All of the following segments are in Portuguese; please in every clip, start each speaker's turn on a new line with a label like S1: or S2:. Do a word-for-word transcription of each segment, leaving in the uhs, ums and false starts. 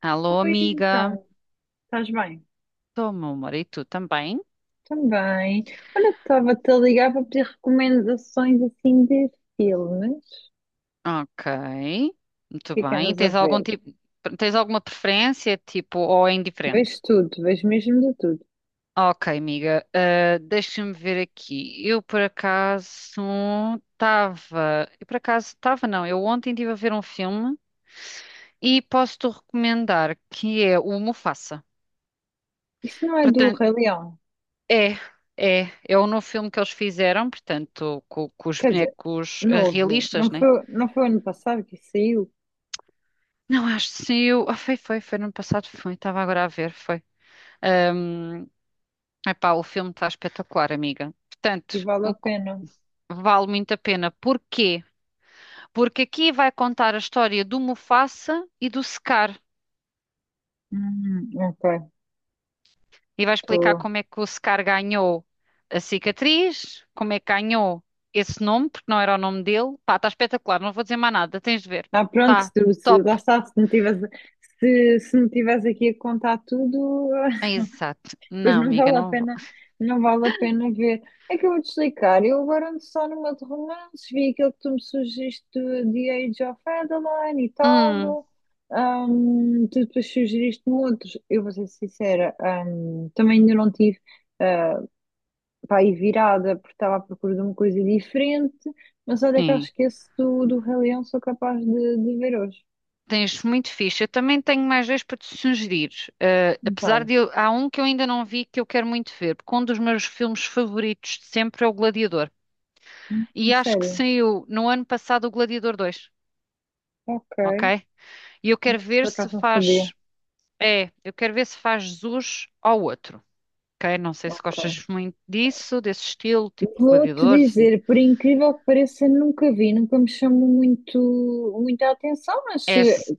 S1: Alô,
S2: Oi,
S1: amiga.
S2: então, estás bem?
S1: Estou, meu amor. E tu também?
S2: Também. Olha, estava-te a ligar para pedir recomendações assim de filmes.
S1: Ok.
S2: O
S1: Muito
S2: que é que
S1: bem.
S2: andas a
S1: Tens algum
S2: ver?
S1: tipo, tens alguma preferência, tipo, ou é indiferente?
S2: Vejo tudo, vejo mesmo de tudo.
S1: Ok, amiga. Ah, deixa-me ver aqui. Eu, por acaso, estava... Eu, por acaso, estava, não. Eu ontem estive a ver um filme e posso-te recomendar, que é o Mufasa.
S2: Isso não é do
S1: Portanto,
S2: Rei Leão.
S1: é... É, é o novo filme que eles fizeram, portanto, com, com os
S2: Quer dizer,
S1: bonecos ah,
S2: novo.
S1: realistas,
S2: Não
S1: né?
S2: foi, não foi ano passado que saiu
S1: Não, acho que saiu. Ah, foi, foi, foi no ano passado, foi. Estava agora a ver, foi. Ahm, epá, o filme está espetacular, amiga.
S2: e
S1: Portanto,
S2: vale a
S1: o que
S2: pena.
S1: vale muito a pena. Porquê? Porque aqui vai contar a história do Mufasa e do Scar.
S2: Hum, ok,
S1: E vai explicar
S2: estou.
S1: como é que o Scar ganhou a cicatriz, como é que ganhou esse nome, porque não era o nome dele. Pá, está espetacular, não vou dizer mais nada, tens de ver.
S2: Ah, pronto, se,
S1: Está
S2: tu- se, lá
S1: top.
S2: está, se não tivesse, se, se me tivesse aqui a contar tudo,
S1: Exato.
S2: Pois
S1: Não,
S2: não
S1: amiga,
S2: vale a
S1: não vou.
S2: pena, não vale a pena ver. É que eu vou-te explicar. Eu agora ando só numa de romances, vi aquele que tu me sugeriste do The Age of Adeline e
S1: Hum,
S2: tal. Ahm, tu depois sugeriste-me outros. Eu vou ser sincera, ahm, também ainda não tive para pá, aí virada, porque estava à procura de uma coisa diferente. Mas olha que eu
S1: sim.
S2: esqueço do, do Rei Leão, sou capaz de, de ver hoje.
S1: Tens muito fixe. Eu também tenho mais dois para te sugerir. Eh, apesar
S2: Então,
S1: de eu, há um que eu ainda não vi que eu quero muito ver, porque um dos meus filmes favoritos de sempre é O Gladiador.
S2: hum, a
S1: E acho que
S2: sério.
S1: saiu no ano passado o Gladiador dois,
S2: Ok.
S1: ok? E eu quero
S2: Não sei se por
S1: ver se
S2: acaso não sabia.
S1: faz, é, eu quero ver se faz jus ao outro, ok? Não sei se
S2: Ok.
S1: gostas muito disso, desse estilo, tipo
S2: Vou-te
S1: Gladiador, sim.
S2: dizer, por incrível que pareça, nunca vi, nunca me chamou muito, muita atenção, mas
S1: É,
S2: eh,
S1: se-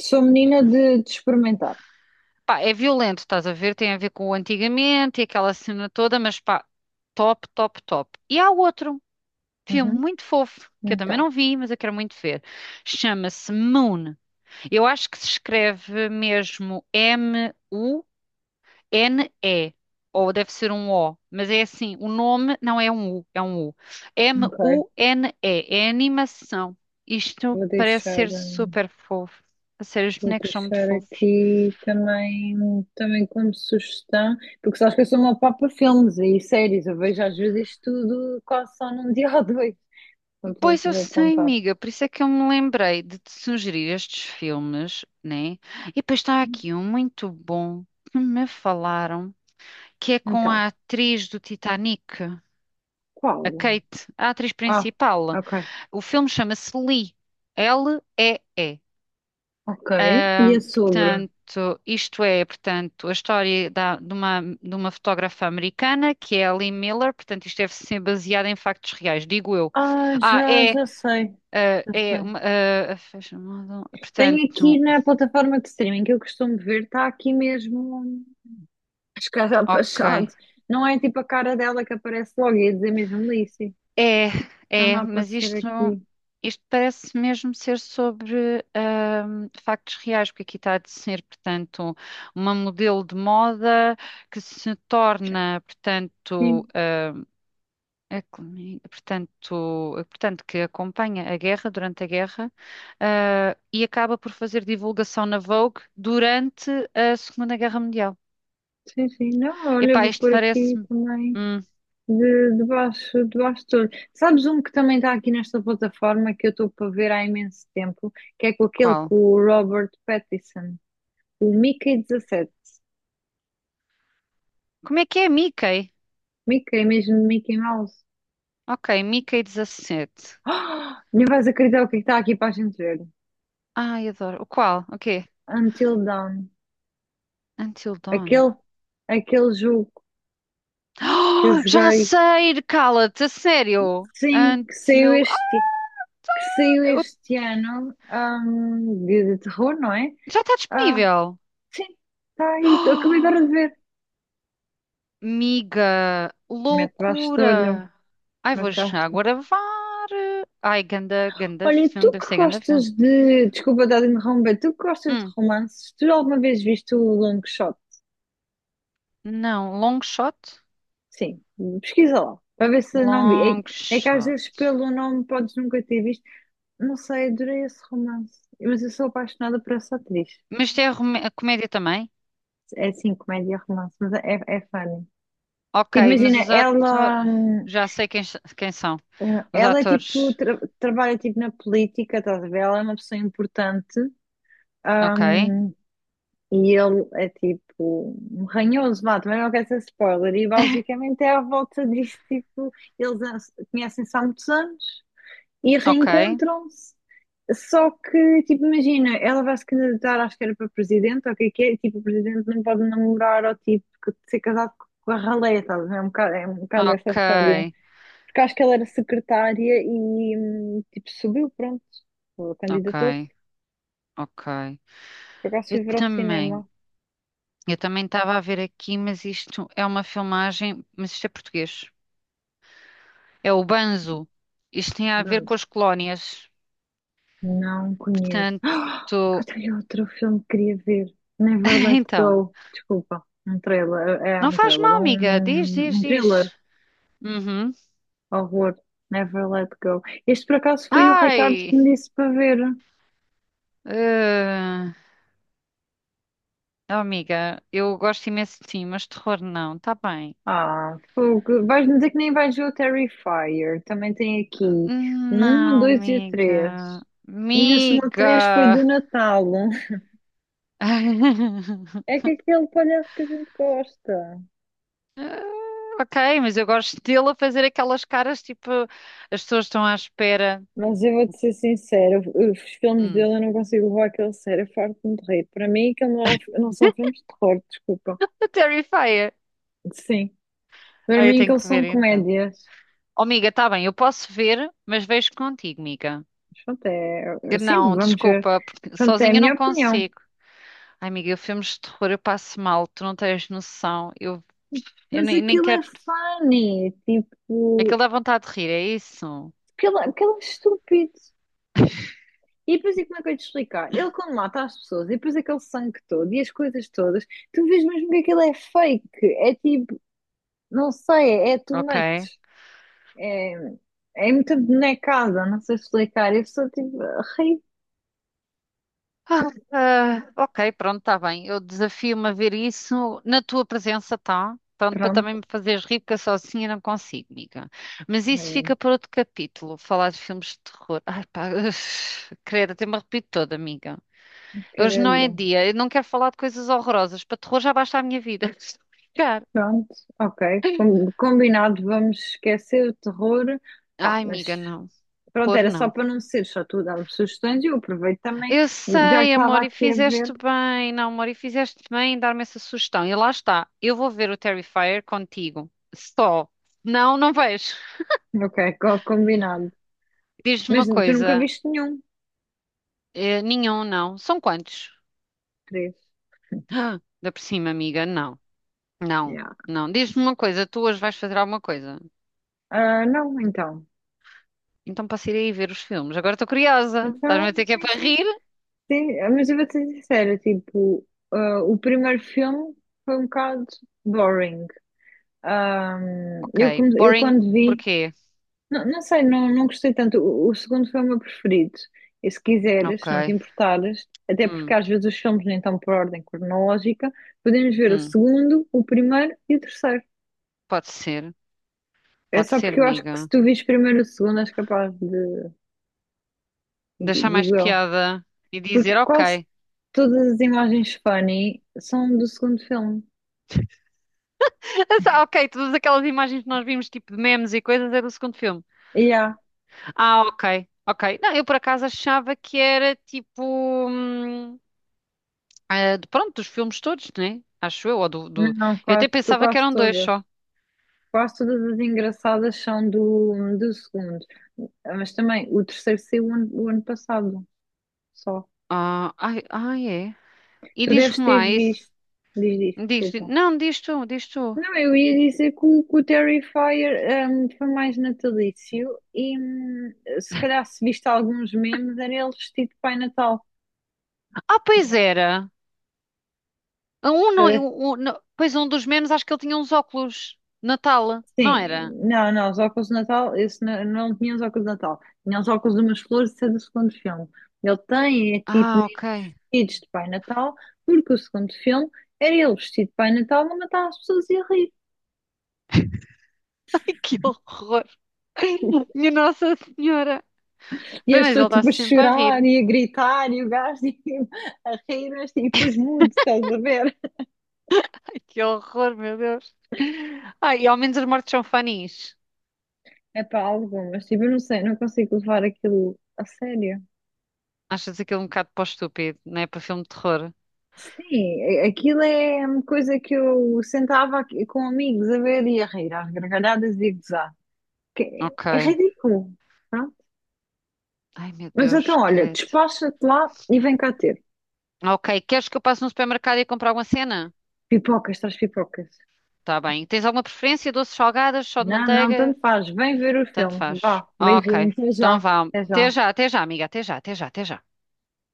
S2: sou menina de, de experimentar.
S1: pá, é violento, estás a ver? Tem a ver com o antigamente e aquela cena toda, mas pá, top, top, top. E há outro. Filme
S2: Uhum.
S1: muito fofo, que eu também
S2: Então,
S1: não vi, mas eu quero muito ver. Chama-se Moon. Eu acho que se escreve mesmo M-U-N-E. Ou deve ser um O, mas é assim, o nome não é um U, é um U.
S2: ok.
S1: M-U-N-E, é animação. Isto
S2: Vou
S1: parece
S2: deixar,
S1: ser
S2: hum,
S1: super fofo. A sério, os
S2: vou
S1: bonecos são muito
S2: deixar
S1: fofos.
S2: aqui também, também como sugestão, porque sabes que eu sou uma papa filmes e séries, eu vejo às vezes tudo quase só num dia ou dois. Portanto, vou,
S1: Pois eu
S2: vou
S1: sei,
S2: apontar.
S1: amiga, por isso é que eu me lembrei de te sugerir estes filmes, né? E depois está
S2: Sim.
S1: aqui um muito bom que me falaram, que é com a
S2: Então,
S1: atriz do Titanic, a
S2: qual?
S1: Kate, a atriz
S2: Ah,
S1: principal.
S2: ok.
S1: O filme chama-se Lee, L-E-E.
S2: Ok.
S1: Ah,
S2: E é sobre?
S1: portanto, isto é, portanto, a história da- de uma, de uma fotógrafa americana que é a Lee Miller, portanto, isto deve ser baseado em factos reais, digo eu.
S2: Ah,
S1: Ah,
S2: já,
S1: é,
S2: já sei.
S1: ah,
S2: Já
S1: é,
S2: sei.
S1: uma- ah, fashion model,
S2: Tenho aqui
S1: portanto,
S2: na plataforma de streaming que eu costumo ver, está aqui mesmo as caras de
S1: ok.
S2: Machado. Não é tipo a cara dela que aparece logo, ia dizer mesmo Lissy.
S1: É,
S2: Está-me a
S1: é, mas
S2: aparecer
S1: isto, não-
S2: aqui.
S1: isto parece mesmo ser sobre ahm, factos reais, porque aqui está a ser, portanto, uma modelo de moda que se torna,
S2: Sim,
S1: portanto, ahm, a cloni- portanto, portanto, que acompanha a guerra, durante a guerra, ah, e acaba por fazer divulgação na Vogue durante a Segunda Guerra Mundial.
S2: sim, sim. Não, olha,
S1: Epá,
S2: vou
S1: isto
S2: por aqui
S1: parece-me...
S2: também
S1: Hum,
S2: de, de baixo, de baixo de tudo. Sabes um que também está aqui nesta plataforma que eu estou para ver há imenso tempo, que é com aquele
S1: qual?
S2: com o Robert Pattinson, o Mickey dezassete,
S1: Como é que é Mickey?
S2: Mickey, mesmo Mickey Mouse.
S1: Ok, Mickey dezassete.
S2: Não vais acreditar o que é que está aqui para a gente ver.
S1: Ai, adoro. O qual? O quê?
S2: Until Dawn.
S1: Until Dawn.
S2: Aquele, aquele jogo que eu
S1: Oh, já
S2: joguei,
S1: sei! Cala-te, a sério!
S2: sim, que saiu
S1: Until. Ah,
S2: este, que saiu
S1: eu-
S2: este ano, hum, de, de terror, não é?
S1: já está
S2: Ah,
S1: disponível!
S2: sim, está aí, tô- acabei agora
S1: Oh,
S2: de ver.
S1: miga!
S2: Mete bastalho,
S1: Loucura! Ai, vou já
S2: mataste.
S1: gravar! Ai, ganda, ganda
S2: Olha, tu
S1: filme,
S2: que
S1: deve ser ganda filme.
S2: gostas de. Desculpa, estar a interromper, tu que gostas de
S1: Hum,
S2: romances, tu alguma vez viste o Long Shot?
S1: não, long shot?
S2: Sim, pesquisa lá, para ver se não vi.
S1: Long
S2: É, é que às
S1: shot.
S2: vezes pelo nome podes nunca ter visto. Não sei, adorei esse romance. Mas eu sou apaixonada por essa atriz.
S1: Mas tem a, rome- a comédia também?
S2: É assim, comédia romance, mas é, é funny.
S1: Ok,
S2: Tipo,
S1: mas
S2: imagina,
S1: os atores.
S2: ela, hum,
S1: Já sei quem, quem são. Os
S2: ela é tipo,
S1: atores.
S2: tra- trabalha tipo na política, estás a ver? Ela é uma pessoa importante,
S1: Ok.
S2: hum, e ele é tipo um ranhoso, vá, também não quero ser spoiler. E basicamente é à volta disso, tipo, eles an- conhecem-se há muitos anos. E
S1: Ok,
S2: reencontram-se. Só que, tipo, imagina, ela vai se candidatar, acho que era para presidente, ou o que é que é, e, tipo, o presidente não pode namorar ou tipo ser casado com a ralé, estás a ver? É um bocado, é um bocado essa história.
S1: ok,
S2: Porque acho que ela era secretária e hum, tipo, subiu, pronto,
S1: ok,
S2: candidatou-se.
S1: ok.
S2: Por acaso
S1: Eu
S2: fui ver ao
S1: também,
S2: cinema.
S1: eu também estava a ver aqui, mas isto é uma filmagem, mas isto é português. É o Banzo. Isto tem a ver
S2: não
S1: com as colónias.
S2: Não conheço.
S1: Portanto,
S2: Ah, que eu tenho outro filme que queria ver. Never Let
S1: então,
S2: Go. Desculpa. Um trailer. É
S1: não
S2: um
S1: faz
S2: trailer.
S1: mal,
S2: Um,
S1: amiga. Diz,
S2: um
S1: diz,
S2: um thriller.
S1: diz. Uhum.
S2: Horror. Never let go. Este por acaso foi o Ricardo que
S1: Ai,
S2: me disse para ver.
S1: eh, oh, amiga, eu gosto imenso de ti, mas terror não, tá bem.
S2: Ah, fogo. Vais-me dizer que nem vais ver o Terrifier. Também tem aqui um,
S1: Não,
S2: dois e o três.
S1: amiga.
S2: E ainda se três foi
S1: Amiga.
S2: do Natal. É
S1: Ah,
S2: que aquele palhaço que a gente gosta.
S1: ok, mas eu gosto dele a fazer aquelas caras tipo, as pessoas estão à espera.
S2: Mas eu vou-te ser sincera, os filmes
S1: Hum,
S2: dele eu não consigo levar aquele sério, eu farto-me de rir. Para mim, aquilo não, é um- não são filmes de terror, desculpa.
S1: a Terrifier.
S2: Sim. Para
S1: Ah, eu
S2: mim,
S1: tenho
S2: aquilo
S1: que
S2: são
S1: ver então.
S2: comédias.
S1: Oh, amiga, tá bem, eu posso ver, mas vejo contigo, amiga.
S2: Mas pronto, é, assim
S1: Não,
S2: vamos ver.
S1: desculpa, porque
S2: Pronto, é a
S1: sozinha eu
S2: minha
S1: não
S2: opinião.
S1: consigo. Ai, amiga, eu filmes de terror, eu passo mal, tu não tens noção. Eu, eu
S2: Mas
S1: nem, nem
S2: aquilo é
S1: quero.
S2: funny,
S1: Aquilo
S2: tipo,
S1: dá vontade de rir, é isso?
S2: aquilo, aquilo é estúpido. E depois, e como é que eu ia te explicar? Ele, quando mata as pessoas, e depois aquele sangue todo e as coisas todas, tu vês mesmo que aquilo é fake. É tipo, não sei, é é too
S1: Ok.
S2: much. É, É muita bonecada, não sei explicar. Eu só tipo, ri.
S1: Ah, ah, ok, pronto, está bem. Eu desafio-me a ver isso na tua presença, tá? Pronto, para também
S2: Pronto,
S1: me fazeres rir, porque eu sozinha não consigo, amiga. Mas isso
S2: é,
S1: fica para outro capítulo, falar de filmes de terror. Ai, pá, uf, credo, até me arrepio toda, amiga. Hoje não é
S2: credo.
S1: dia, eu não quero falar de coisas horrorosas. Para terror já basta a minha vida. Estou a brincar.
S2: Pronto, ok. Com- Combinado, vamos esquecer o terror. Pá,
S1: Ai, amiga,
S2: mas
S1: não.
S2: pronto,
S1: Terror
S2: era só
S1: não.
S2: para não ser só tu dar-me sugestões e eu aproveito também,
S1: Eu
S2: já que
S1: sei,
S2: estava
S1: amor, e
S2: aqui a
S1: fizeste
S2: ver.
S1: bem. Não, amor, e fizeste bem em dar-me essa sugestão. E lá está, eu vou ver o Terrifier contigo. Só. Não, não vejo.
S2: Ok, co- combinado.
S1: Diz-me
S2: Mas
S1: uma
S2: tu nunca
S1: coisa.
S2: viste nenhum?
S1: eh, nenhum, não. São quantos?
S2: Três.
S1: Ah, da por cima, amiga. Não, não,
S2: Yeah.
S1: não. Diz-me uma coisa, tu hoje vais fazer alguma coisa.
S2: Ah, não, então.
S1: Então posso ir aí ver os filmes. Agora estou curiosa. Estás-me a
S2: Então,
S1: dizer que é
S2: sim,
S1: para
S2: sim.
S1: rir?
S2: Sim, ah, mas eu vou ser sincera, tipo, ah, o primeiro filme foi um bocado boring. Ah,
S1: Ok.
S2: eu, come- eu
S1: Boring,
S2: quando vi.
S1: porquê?
S2: Não, não sei, não, não gostei tanto. O, o segundo foi o meu preferido. E se quiseres, se não te
S1: Ok.
S2: importares, até porque
S1: Hum,
S2: às vezes os filmes nem estão por ordem cronológica, podemos ver o
S1: hum.
S2: segundo, o primeiro e o terceiro.
S1: Pode ser.
S2: É
S1: Pode
S2: só
S1: ser,
S2: porque eu acho que se
S1: amiga,
S2: tu vires primeiro o segundo, és capaz de, de-
S1: deixar mais
S2: digo eu.
S1: piada e
S2: Porque
S1: dizer,
S2: quase
S1: ok.
S2: todas as imagens funny são do segundo filme.
S1: Ah, ok, todas aquelas imagens que nós vimos, tipo de memes e coisas, é do segundo filme.
S2: E há,
S1: Ah, ok, ok. Não, eu por acaso achava que era tipo. Hum, ah, de- pronto, dos filmes todos, né? Acho eu, ou do, do-
S2: não,
S1: Eu até
S2: quase, to-
S1: pensava que
S2: quase
S1: eram dois
S2: todas.
S1: só.
S2: Quase todas as engraçadas são do, do segundo. Mas também o terceiro saiu o ano o ano passado só.
S1: Ah, ai, ai, é. E
S2: Tu deves
S1: diz-me
S2: ter
S1: lá isso.
S2: visto. Diz isto,
S1: Diz, di-
S2: desculpa.
S1: não, diz tu, diz tu.
S2: Não, eu ia dizer que o, que o Terrifier hum, foi mais natalício e hum, se calhar se viste alguns memes era ele vestido de Pai Natal.
S1: Ah, pois
S2: Não.
S1: era. Um, não,
S2: Ele-
S1: o- o- não- pois um dos memes, acho que ele tinha uns óculos. Natal, não
S2: Sim,
S1: era?
S2: não, não, os óculos de Natal, esse não, não tinha os óculos de Natal. Tinha os óculos de umas flores, isso é do segundo filme. Ele tem, é tipo,
S1: Ah,
S2: meio
S1: ok.
S2: vestidos de Pai Natal, porque o segundo filme era ele vestido de Pai Natal a matar as pessoas e a rir.
S1: Que horror! Minha Nossa Senhora!
S2: E
S1: Bem,
S2: as
S1: mas ele
S2: pessoas tipo a
S1: está-se sempre a
S2: chorar
S1: rir.
S2: e a gritar e o gajo tipo, a rir, mas tipo os mudos, estás a ver?
S1: Ai, que horror, meu Deus! Ai, e ao menos as mortes são funnies.
S2: É para algumas, tipo, eu não sei, não consigo levar aquilo a sério.
S1: Achas aquilo um bocado para o estúpido, não é? Para filme de terror.
S2: Sim, a- aquilo é uma coisa que eu sentava aqui com amigos a ver e a rir, às gargalhadas e a gozar. Que é é
S1: Ok.
S2: ridículo, pronto.
S1: Ai, meu
S2: Mas
S1: Deus,
S2: então, olha,
S1: credo.
S2: despacha-te lá e vem cá ter.
S1: Ok, queres que eu passe no supermercado e compre alguma cena?
S2: Pipocas, traz pipocas.
S1: Tá bem. Tens alguma preferência? Doces salgadas, só de
S2: Não, não,
S1: manteiga?
S2: tanto faz. Vem ver o
S1: Tanto
S2: filme.
S1: faz.
S2: Vá,
S1: Ok,
S2: beijinho, até
S1: então
S2: já.
S1: vá.
S2: Até
S1: Até
S2: já.
S1: já, até já, amiga. Até já, até já, até já.